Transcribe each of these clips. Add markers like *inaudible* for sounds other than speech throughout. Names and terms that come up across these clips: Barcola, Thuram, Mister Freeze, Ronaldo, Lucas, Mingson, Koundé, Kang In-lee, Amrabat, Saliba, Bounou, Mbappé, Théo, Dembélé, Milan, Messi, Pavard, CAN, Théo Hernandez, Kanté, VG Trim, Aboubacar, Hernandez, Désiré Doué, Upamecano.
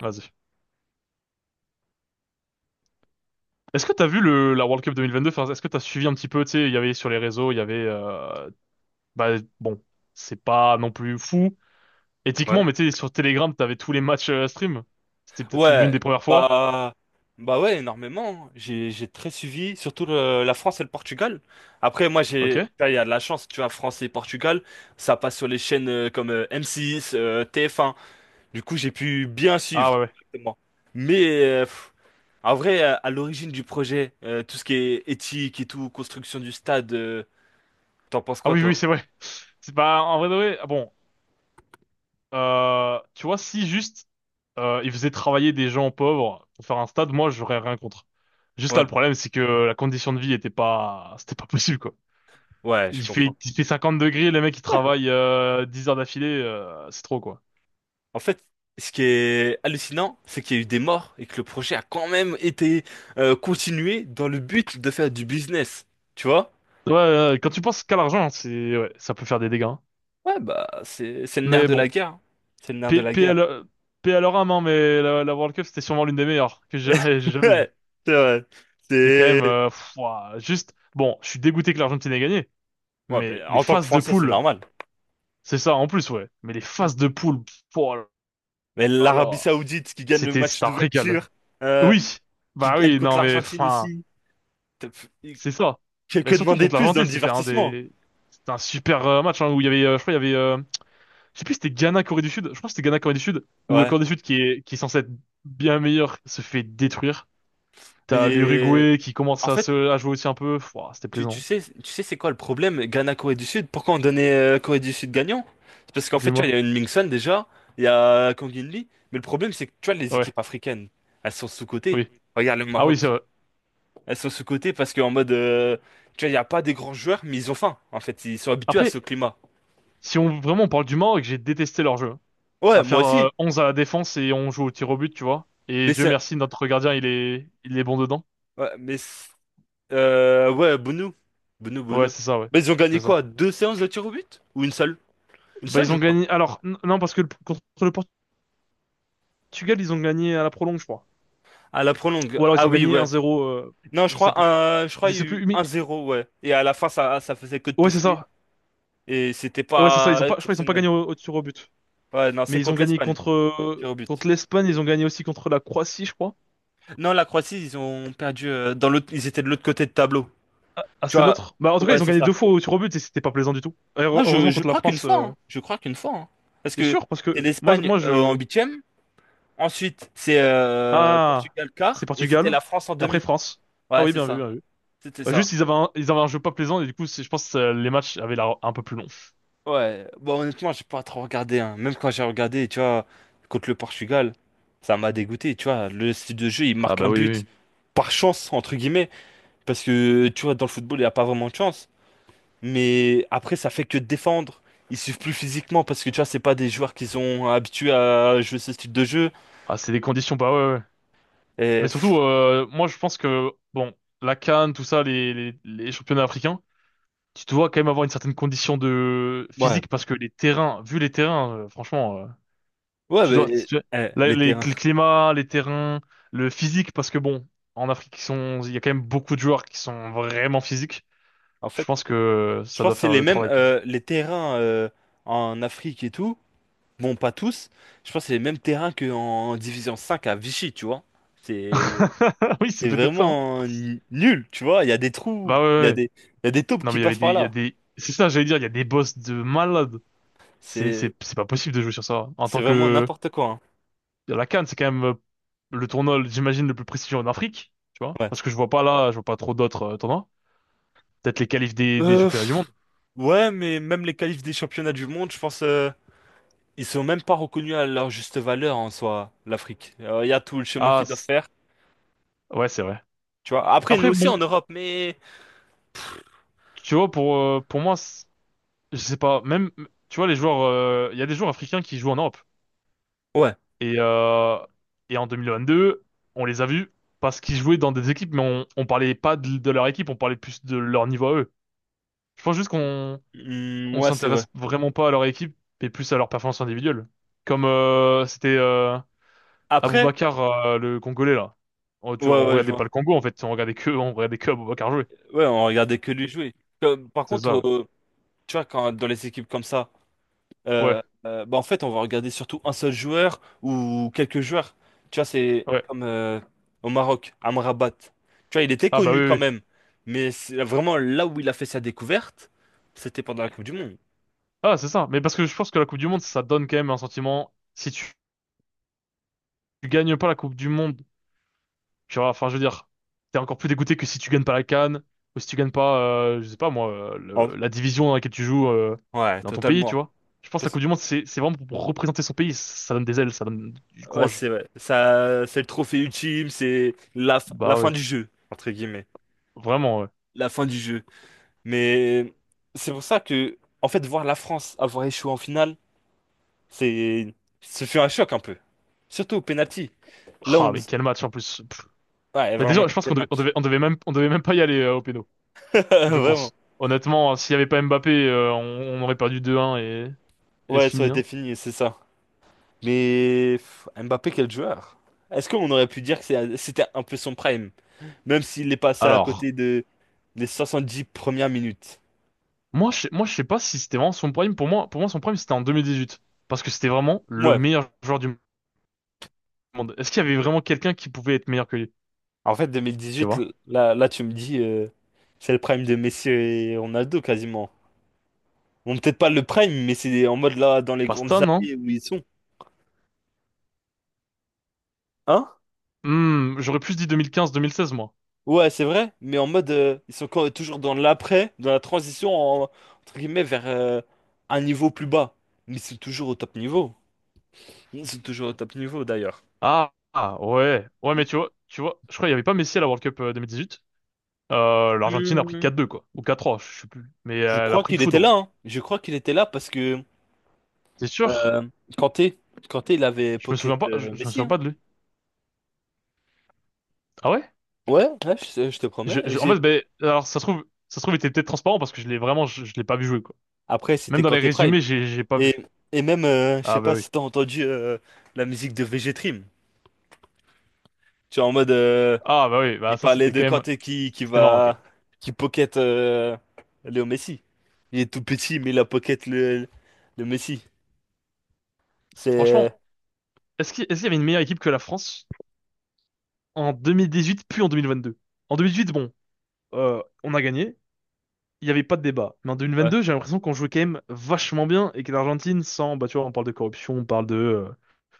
Vas-y. Est-ce que t'as vu le, la World Cup 2022? Enfin, est-ce que t'as suivi un petit peu, tu sais, il y avait sur les réseaux, il y avait, bah, bon, c'est pas non plus fou, Ouais. éthiquement, mais tu sais, sur Telegram, t'avais tous les matchs stream. C'était peut-être l'une Ouais, des premières fois. bah, ouais, énormément. J'ai très suivi, surtout la France et le Portugal. Après, moi, Ok. j'ai, là, il y a de la chance, tu vois, France et Portugal, ça passe sur les chaînes comme M6, TF1. Du coup, j'ai pu bien Ah suivre, ouais, ouais. exactement. Mais, en vrai, à l'origine du projet, tout ce qui est éthique et tout, construction du stade, t'en penses Ah quoi, oui, oui, toi? c'est vrai. *laughs* C'est pas, en vrai, de vrai, ah bon, tu vois, si juste, ils faisaient travailler des gens pauvres pour faire un stade, moi, j'aurais rien contre. Juste là, Ouais. le problème, c'est que la condition de vie était pas, c'était pas *laughs* possible, quoi. Ouais, je Il fait, comprends. il fait 50 degrés, le mec il travaille 10 heures d'affilée, c'est trop quoi. En fait, ce qui est hallucinant, c'est qu'il y a eu des morts et que le projet a quand même été continué dans le but de faire du business. Tu vois? Ouais, quand tu penses qu'à l'argent, c'est ouais, ça peut faire des dégâts, hein. Ouais, bah, c'est le nerf Mais de bon, la guerre, hein. C'est le nerf de PL, la guerre. PL, leur paix à leur âme, hein, mais la World Cup c'était sûrement l'une des meilleures que j'ai jamais, *laughs* j'ai *laughs* jamais vue. Ouais, c'est vrai. C'est quand même C'est... pff, ouah, juste. Bon, je suis dégoûté que l'Argentine ait gagné, Ouais, mais bah, les en tant que phases de Français, c'est poule, normal. c'est ça en plus, ouais. Mais les phases de poule, pff, oh Mais là l'Arabie là, Saoudite qui gagne le c'était match c'était un régal. d'ouverture, euh, Oui, qui bah gagne oui, contre non mais l'Argentine enfin. aussi. T'as- C'est ça. Mais que surtout demander de contre plus dans l'Argentine, le divertissement? C'était un super match hein, où il y avait, je crois, il y avait, je sais plus, si c'était Ghana Corée du Sud. Je crois que c'était Ghana Corée du Sud où Ouais. Corée du Sud qui est censé être bien meilleur se fait détruire. T'as Mais l'Uruguay qui en commence à fait, se à jouer aussi un peu. Pouah, c'était Tu, tu plaisant. sais, tu sais c'est quoi le problème? Ghana-Corée du Sud? Pourquoi on donnait Corée du Sud gagnant? C'est parce qu'en fait, tu vois, il y Dis-moi. a une Mingson déjà, il y a Kang In-lee, mais le problème, c'est que tu vois, les Ouais. équipes africaines, elles sont sous-cotées. Oui. Regarde le Ah oui, c'est Maroc, vrai. elles sont sous-cotées parce qu'en mode, tu vois, il n'y a pas des grands joueurs, mais ils ont faim, en fait, ils sont habitués à ce Après, climat. si on vraiment on parle du Maroc, j'ai détesté leur jeu, hein. Ouais, À moi faire aussi, 11 à la défense et on joue au tir au but, tu vois. Et mais Dieu c'est. merci, notre gardien, il est bon dedans. Ouais, mais ouais, Bounou. Bounou, Ouais, Bounou. c'est ça, ouais. Mais ils ont C'est gagné ça. quoi? Deux séances de tir au but? Ou une seule? Une Bah, seule, ils je ont crois. gagné. Alors, non, parce que contre le Portugal, ils ont gagné à la prolonge, je crois. À la prolongue. Ou alors, ils Ah ont oui, gagné un ouais. zéro, Non, je je sais crois, plus. Je il y a sais eu plus, mais. un zéro, ouais. Et à la fin, ça faisait que de Ouais, c'est pousser. ça. Et c'était Ouais, c'est ça. pas Ils ont pas, je crois qu'ils ont pas exceptionnel. gagné au tir au but. Ouais, non, Mais c'est ils ont contre gagné l'Espagne, contre, tir au but. contre l'Espagne, ils ont gagné aussi contre la Croatie, je crois. Non, la Croatie, ils ont perdu dans l'autre, ils étaient de l'autre côté de tableau. Ah, Tu c'est vois, l'autre. Bah, en tout cas, ouais, ils ont c'est gagné deux ça. fois au tir au but et c'était pas plaisant du tout. Et Non, je, heureusement, je contre la crois qu'une France, fois, hein. Je crois qu'une fois, hein. Parce t'es que sûr? Parce que c'est moi, l'Espagne moi, en je. huitième. Ensuite, c'est Ah, Portugal c'est quart. Et c'était Portugal. la France en Et après, demi. France. Ah Ouais, oui, c'est bien vu, ça. bien vu. C'était Bah, ça. juste, ils avaient un jeu pas plaisant et du coup, je pense que les matchs avaient l'air un peu plus longs. Ouais, bon, honnêtement, j'ai pas trop regardé, hein. Même quand j'ai regardé, tu vois, contre le Portugal, ça m'a dégoûté, tu vois. Le style de jeu, il Ah marque un bah oui, oui, but oui. par chance, entre guillemets, parce que, tu vois, dans le football, il n'y a pas vraiment de chance. Mais après, ça fait que défendre. Ils suivent plus physiquement parce que, tu vois, c'est pas des joueurs qui sont habitués à jouer ce style de jeu. Ah, c'est des conditions, bah ouais, ouais. Et, Mais surtout, moi je pense que, bon, la CAN, tout ça, les championnats africains, tu dois quand même avoir une certaine condition de ouais, physique parce que les terrains, vu les terrains, franchement, ouais, tu dois, mais tu- eh, la- les les, terrains. le climat, les terrains, le physique, parce que bon, en Afrique, il y a quand même beaucoup de joueurs qui sont vraiment physiques. En Je fait, pense que je ça doit pense que c'est faire les le mêmes, travail quand même. Les terrains en Afrique et tout. Bon, pas tous. Je pense que c'est les mêmes terrains qu'en Division 5 à Vichy, tu vois. C'est *laughs* Oui, c'est c'est peut-être ça, hein. vraiment nul, tu vois. Il y a des trous, Bah ouais, ouais, ouais. Il y a des taupes Non qui mais passent par il y a là. des, c'est ça, j'allais dire, il y a des boss de malades. C'est C'est pas possible de jouer sur ça. En c'est tant vraiment que, n'importe quoi, hein. la CAN, c'est quand même le tournoi, j'imagine, le plus prestigieux en Afrique, tu vois. Ouais. Parce que je vois pas là, je vois pas trop d'autres tournois. Peut-être les qualifs des Euh, championnats du monde. pff, ouais, mais même les qualifs des championnats du monde, je pense, ils sont même pas reconnus à leur juste valeur en soi, l'Afrique. Il y a tout le chemin Ah, qu'ils doivent faire, ouais, c'est vrai. tu vois. Après, nous Après, aussi bon, en Europe, mais... tu vois, pour moi, je sais pas, même, tu vois, les joueurs, il y a des joueurs africains qui jouent en Europe. Ouais. Et, euh, et en 2022, on les a vus parce qu'ils jouaient dans des équipes, mais on parlait pas de leur équipe, on parlait plus de leur niveau à eux. Je pense juste qu'on Hmm, on ouais, c'est vrai. s'intéresse vraiment pas à leur équipe, mais plus à leur performance individuelle. Comme c'était Après, Aboubacar, le Congolais là. Ouais, On ouais, je regardait pas le vois. Congo en fait, on regardait que Aboubacar jouer. Ouais, on regardait que lui jouer. Par C'est contre, ça. Tu vois, quand, dans les équipes comme ça, euh, Ouais. Bah, en fait, on va regarder surtout un seul joueur ou quelques joueurs. Tu vois, c'est Ouais, ouais. comme au Maroc, Amrabat. Tu vois, il était Ah bah oui, connu oui, quand oui. même, mais c'est vraiment là où il a fait sa découverte, c'était pendant la Coupe du Monde. Ah c'est ça. Mais parce que je pense que la Coupe du Monde, ça donne quand même un sentiment. Si tu, Tu gagnes pas la Coupe du Monde. Tu vois, enfin, je veux dire, t'es encore plus dégoûté que si tu gagnes pas la CAN, ou si tu gagnes pas, je sais pas moi, En- la division dans laquelle tu joues Ouais, dans ton pays, tu totalement. vois. Je pense que la Parce- Coupe du Monde, c'est vraiment pour représenter son pays. Ça donne des ailes, ça donne du ouais, courage. c'est vrai. Ça, c'est le trophée ultime, c'est la Bah fin ouais, du jeu, entre guillemets. vraiment, ouais. La fin du jeu. Mais c'est pour ça que, en fait, voir la France avoir échoué en finale, c'est, ce fut un choc un peu. Surtout au penalty. Là, Ah, on... mais quel match en plus. Pff. Ouais, Mais vraiment, déjà, je pense qu'on quel devait, on match. devait, on devait même pas y aller au péno, je *laughs* Vraiment. pense. Honnêtement, hein, s'il y avait pas Mbappé, on aurait perdu 2-1 et c'est Ouais, ça aurait fini, été hein. fini, c'est ça. Mais pff, Mbappé, quel joueur. Est-ce qu'on aurait pu dire que c'était un peu son prime, même s'il est passé à Alors. côté de les 70 premières minutes? Moi, je sais pas si c'était vraiment son prime. Pour moi, son prime, c'était en 2018. Parce que c'était vraiment le Ouais. meilleur joueur du monde. Est-ce qu'il y avait vraiment quelqu'un qui pouvait être meilleur que lui? En fait, Tu 2018, vois? là tu me dis, c'est le prime de Messi et Ronaldo quasiment. Bon, peut-être pas le prime, mais c'est en mode là, dans les grandes Pasta, non? années où ils sont. Hein? Hmm, j'aurais plus dit 2015-2016, moi. Ouais, c'est vrai, mais en mode, ils sont toujours dans l'après, dans la transition, entre guillemets, vers un niveau plus bas. Mais c'est toujours au top niveau. Ils sont toujours au top niveau, d'ailleurs. Ah, ah, ouais. Ouais, mais tu vois, je crois qu'il y avait pas Messi à la World Cup 2018. l'Argentine a pris Hmm. 4-2, quoi. Ou 4-3, je sais plus. Mais Je elle a crois pris de qu'il était là, foudre. hein. Je crois qu'il était là parce que C'est sûr? euh, Kanté, Kanté, il avait Pocket Je me Messi, souviens hein. pas de lui. Ah ouais? Ouais, ouais, je te promets. En J'ai... fait, ben, alors, ça se trouve, il était peut-être transparent parce que je l'ai pas vu jouer, quoi. Après, Même c'était dans les Kanté Prime. résumés, j'ai pas Et, vu. et même, je Ah sais bah pas oui. si t'as entendu la musique de VG Trim. Tu vois, en mode, Ah bah oui, bah il ça parlait c'était de quand même... Kanté C'était marrant quand même. Qui pocket Léo Messi. Il est tout petit, mais il a pocket le Messi. Franchement, C'est, est-ce qu'il y avait une meilleure équipe que la France en 2018, puis en 2022? En 2018, bon, on a gagné, il n'y avait pas de débat. Mais en deux mille ouais. vingt-deux, j'ai l'impression qu'on jouait quand même vachement bien et que l'Argentine, sans... Bah tu vois, on parle de corruption, on parle de...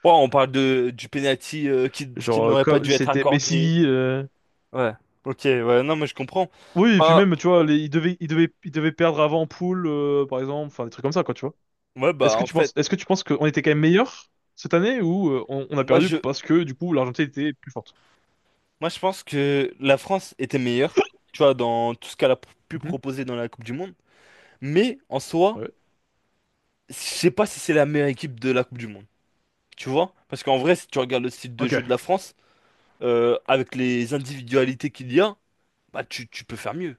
Ouais, on parle de, du penalty qui genre, n'aurait pas comme dû être c'était accordé. Messi... Ouais. Ok, ouais, non, mais je comprends. Oui, et puis Bah, même, tu vois, ils devaient perdre avant en poule, par exemple, enfin des trucs comme ça, quoi, tu vois. En fait, Est-ce que tu penses qu'on était quand même meilleur cette année ou on a moi, perdu je, parce que du coup l'Argentine était plus forte? moi, je pense que la France était meilleure, tu vois, dans tout ce qu'elle a pu Mhm. proposer dans la Coupe du Monde. Mais, en soi, Ouais. je sais pas si c'est la meilleure équipe de la Coupe du Monde. Tu vois? Parce qu'en vrai, si tu regardes le style de Ok. jeu de la France, avec les individualités qu'il y a, bah tu peux faire mieux.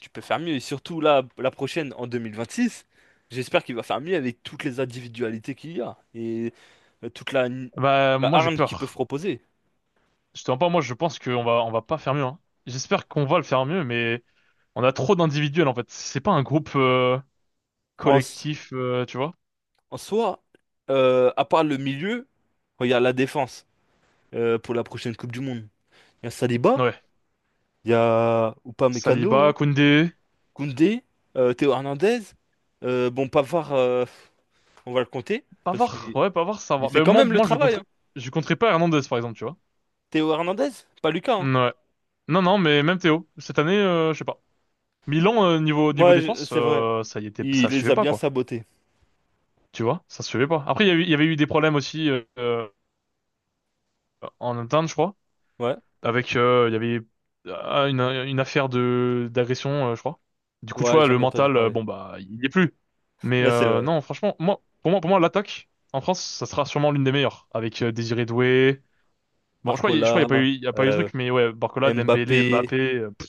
Tu peux faire mieux. Et surtout là, la prochaine, en 2026, j'espère qu'il va faire mieux avec toutes les individualités qu'il y a. Et toute Bah, la moi, j'ai hargne qu'ils peuvent peur. proposer. Je te mens pas, moi, je pense on va pas faire mieux, hein. J'espère qu'on va le faire mieux, mais on a trop d'individuels, en fait. C'est pas un groupe, En, s- collectif, tu vois? en soi, à part le milieu, regarde la défense pour la prochaine Coupe du Monde. Il y a Saliba, Ouais. il y a Saliba, Upamecano, Koundé, Koundé, Théo Hernandez. Bon, Pavard, on va le compter parce Pavard. qu'il Ouais, Pavard, ça il va. fait Mais quand moi, même le moi, je travail, compterais, hein. je compterais pas Hernandez, par exemple, tu vois? Théo Hernandez, pas Lucas, hein. Ouais. Non, non, mais même Théo. Cette année, je sais pas. Milan, niveau défense, C'est vrai. Ça y était, Il ça les suivait a pas, bien quoi. sabotés. Tu vois? Ça suivait pas. Après, il y avait eu des problèmes aussi, en interne, je crois. Ouais, Avec il y avait ah, une affaire de d'agression, je crois. Du coup, tu ouais, vois, j'en le ai entendu mental, parler. bon bah, il y est plus. Mais Ouais, c'est vrai. non, franchement, pour moi, l'attaque en France, ça sera sûrement l'une des meilleures, avec Désiré Doué. Bon, je crois, il- y a- je crois, il y a pas Barcola, eu, il y a pas eu de euh, truc, mais ouais, Barcola, Dembélé, Mbappé, Mbappé, pff,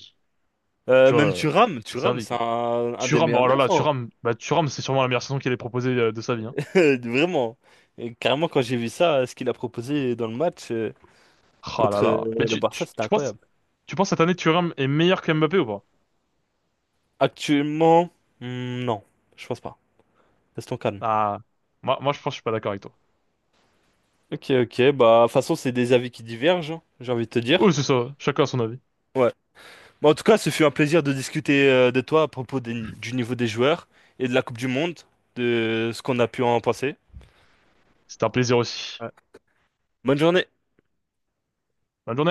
tu vois, même Thuram. c'est Thuram, servi. c'est Quoi. Un des Thuram, meilleurs oh là neufs, là, hein. Thuram, c'est sûrement la meilleure saison qu'il ait proposée de sa vie. Hein. *laughs* Vraiment. Et carrément, quand j'ai vu ça, ce qu'il a proposé dans le match Ah là contre là. Mais le Barça, c'était incroyable. tu penses cette année Thuram est meilleur que Mbappé ou pas? Actuellement, non, je pense pas. Restons calme. Ah, moi, moi, je pense, que je suis pas d'accord avec toi. Ok, ok, bah, de toute façon, c'est des avis qui divergent, hein, j'ai envie de te dire. Oui, c'est ça. Chacun a son avis. Ouais. Bon, en tout cas, ce fut un plaisir de discuter de toi à propos du niveau des joueurs et de la Coupe du Monde, de ce qu'on a pu en penser. C'était un plaisir aussi. Ouais. Bonne journée. Bonne journée.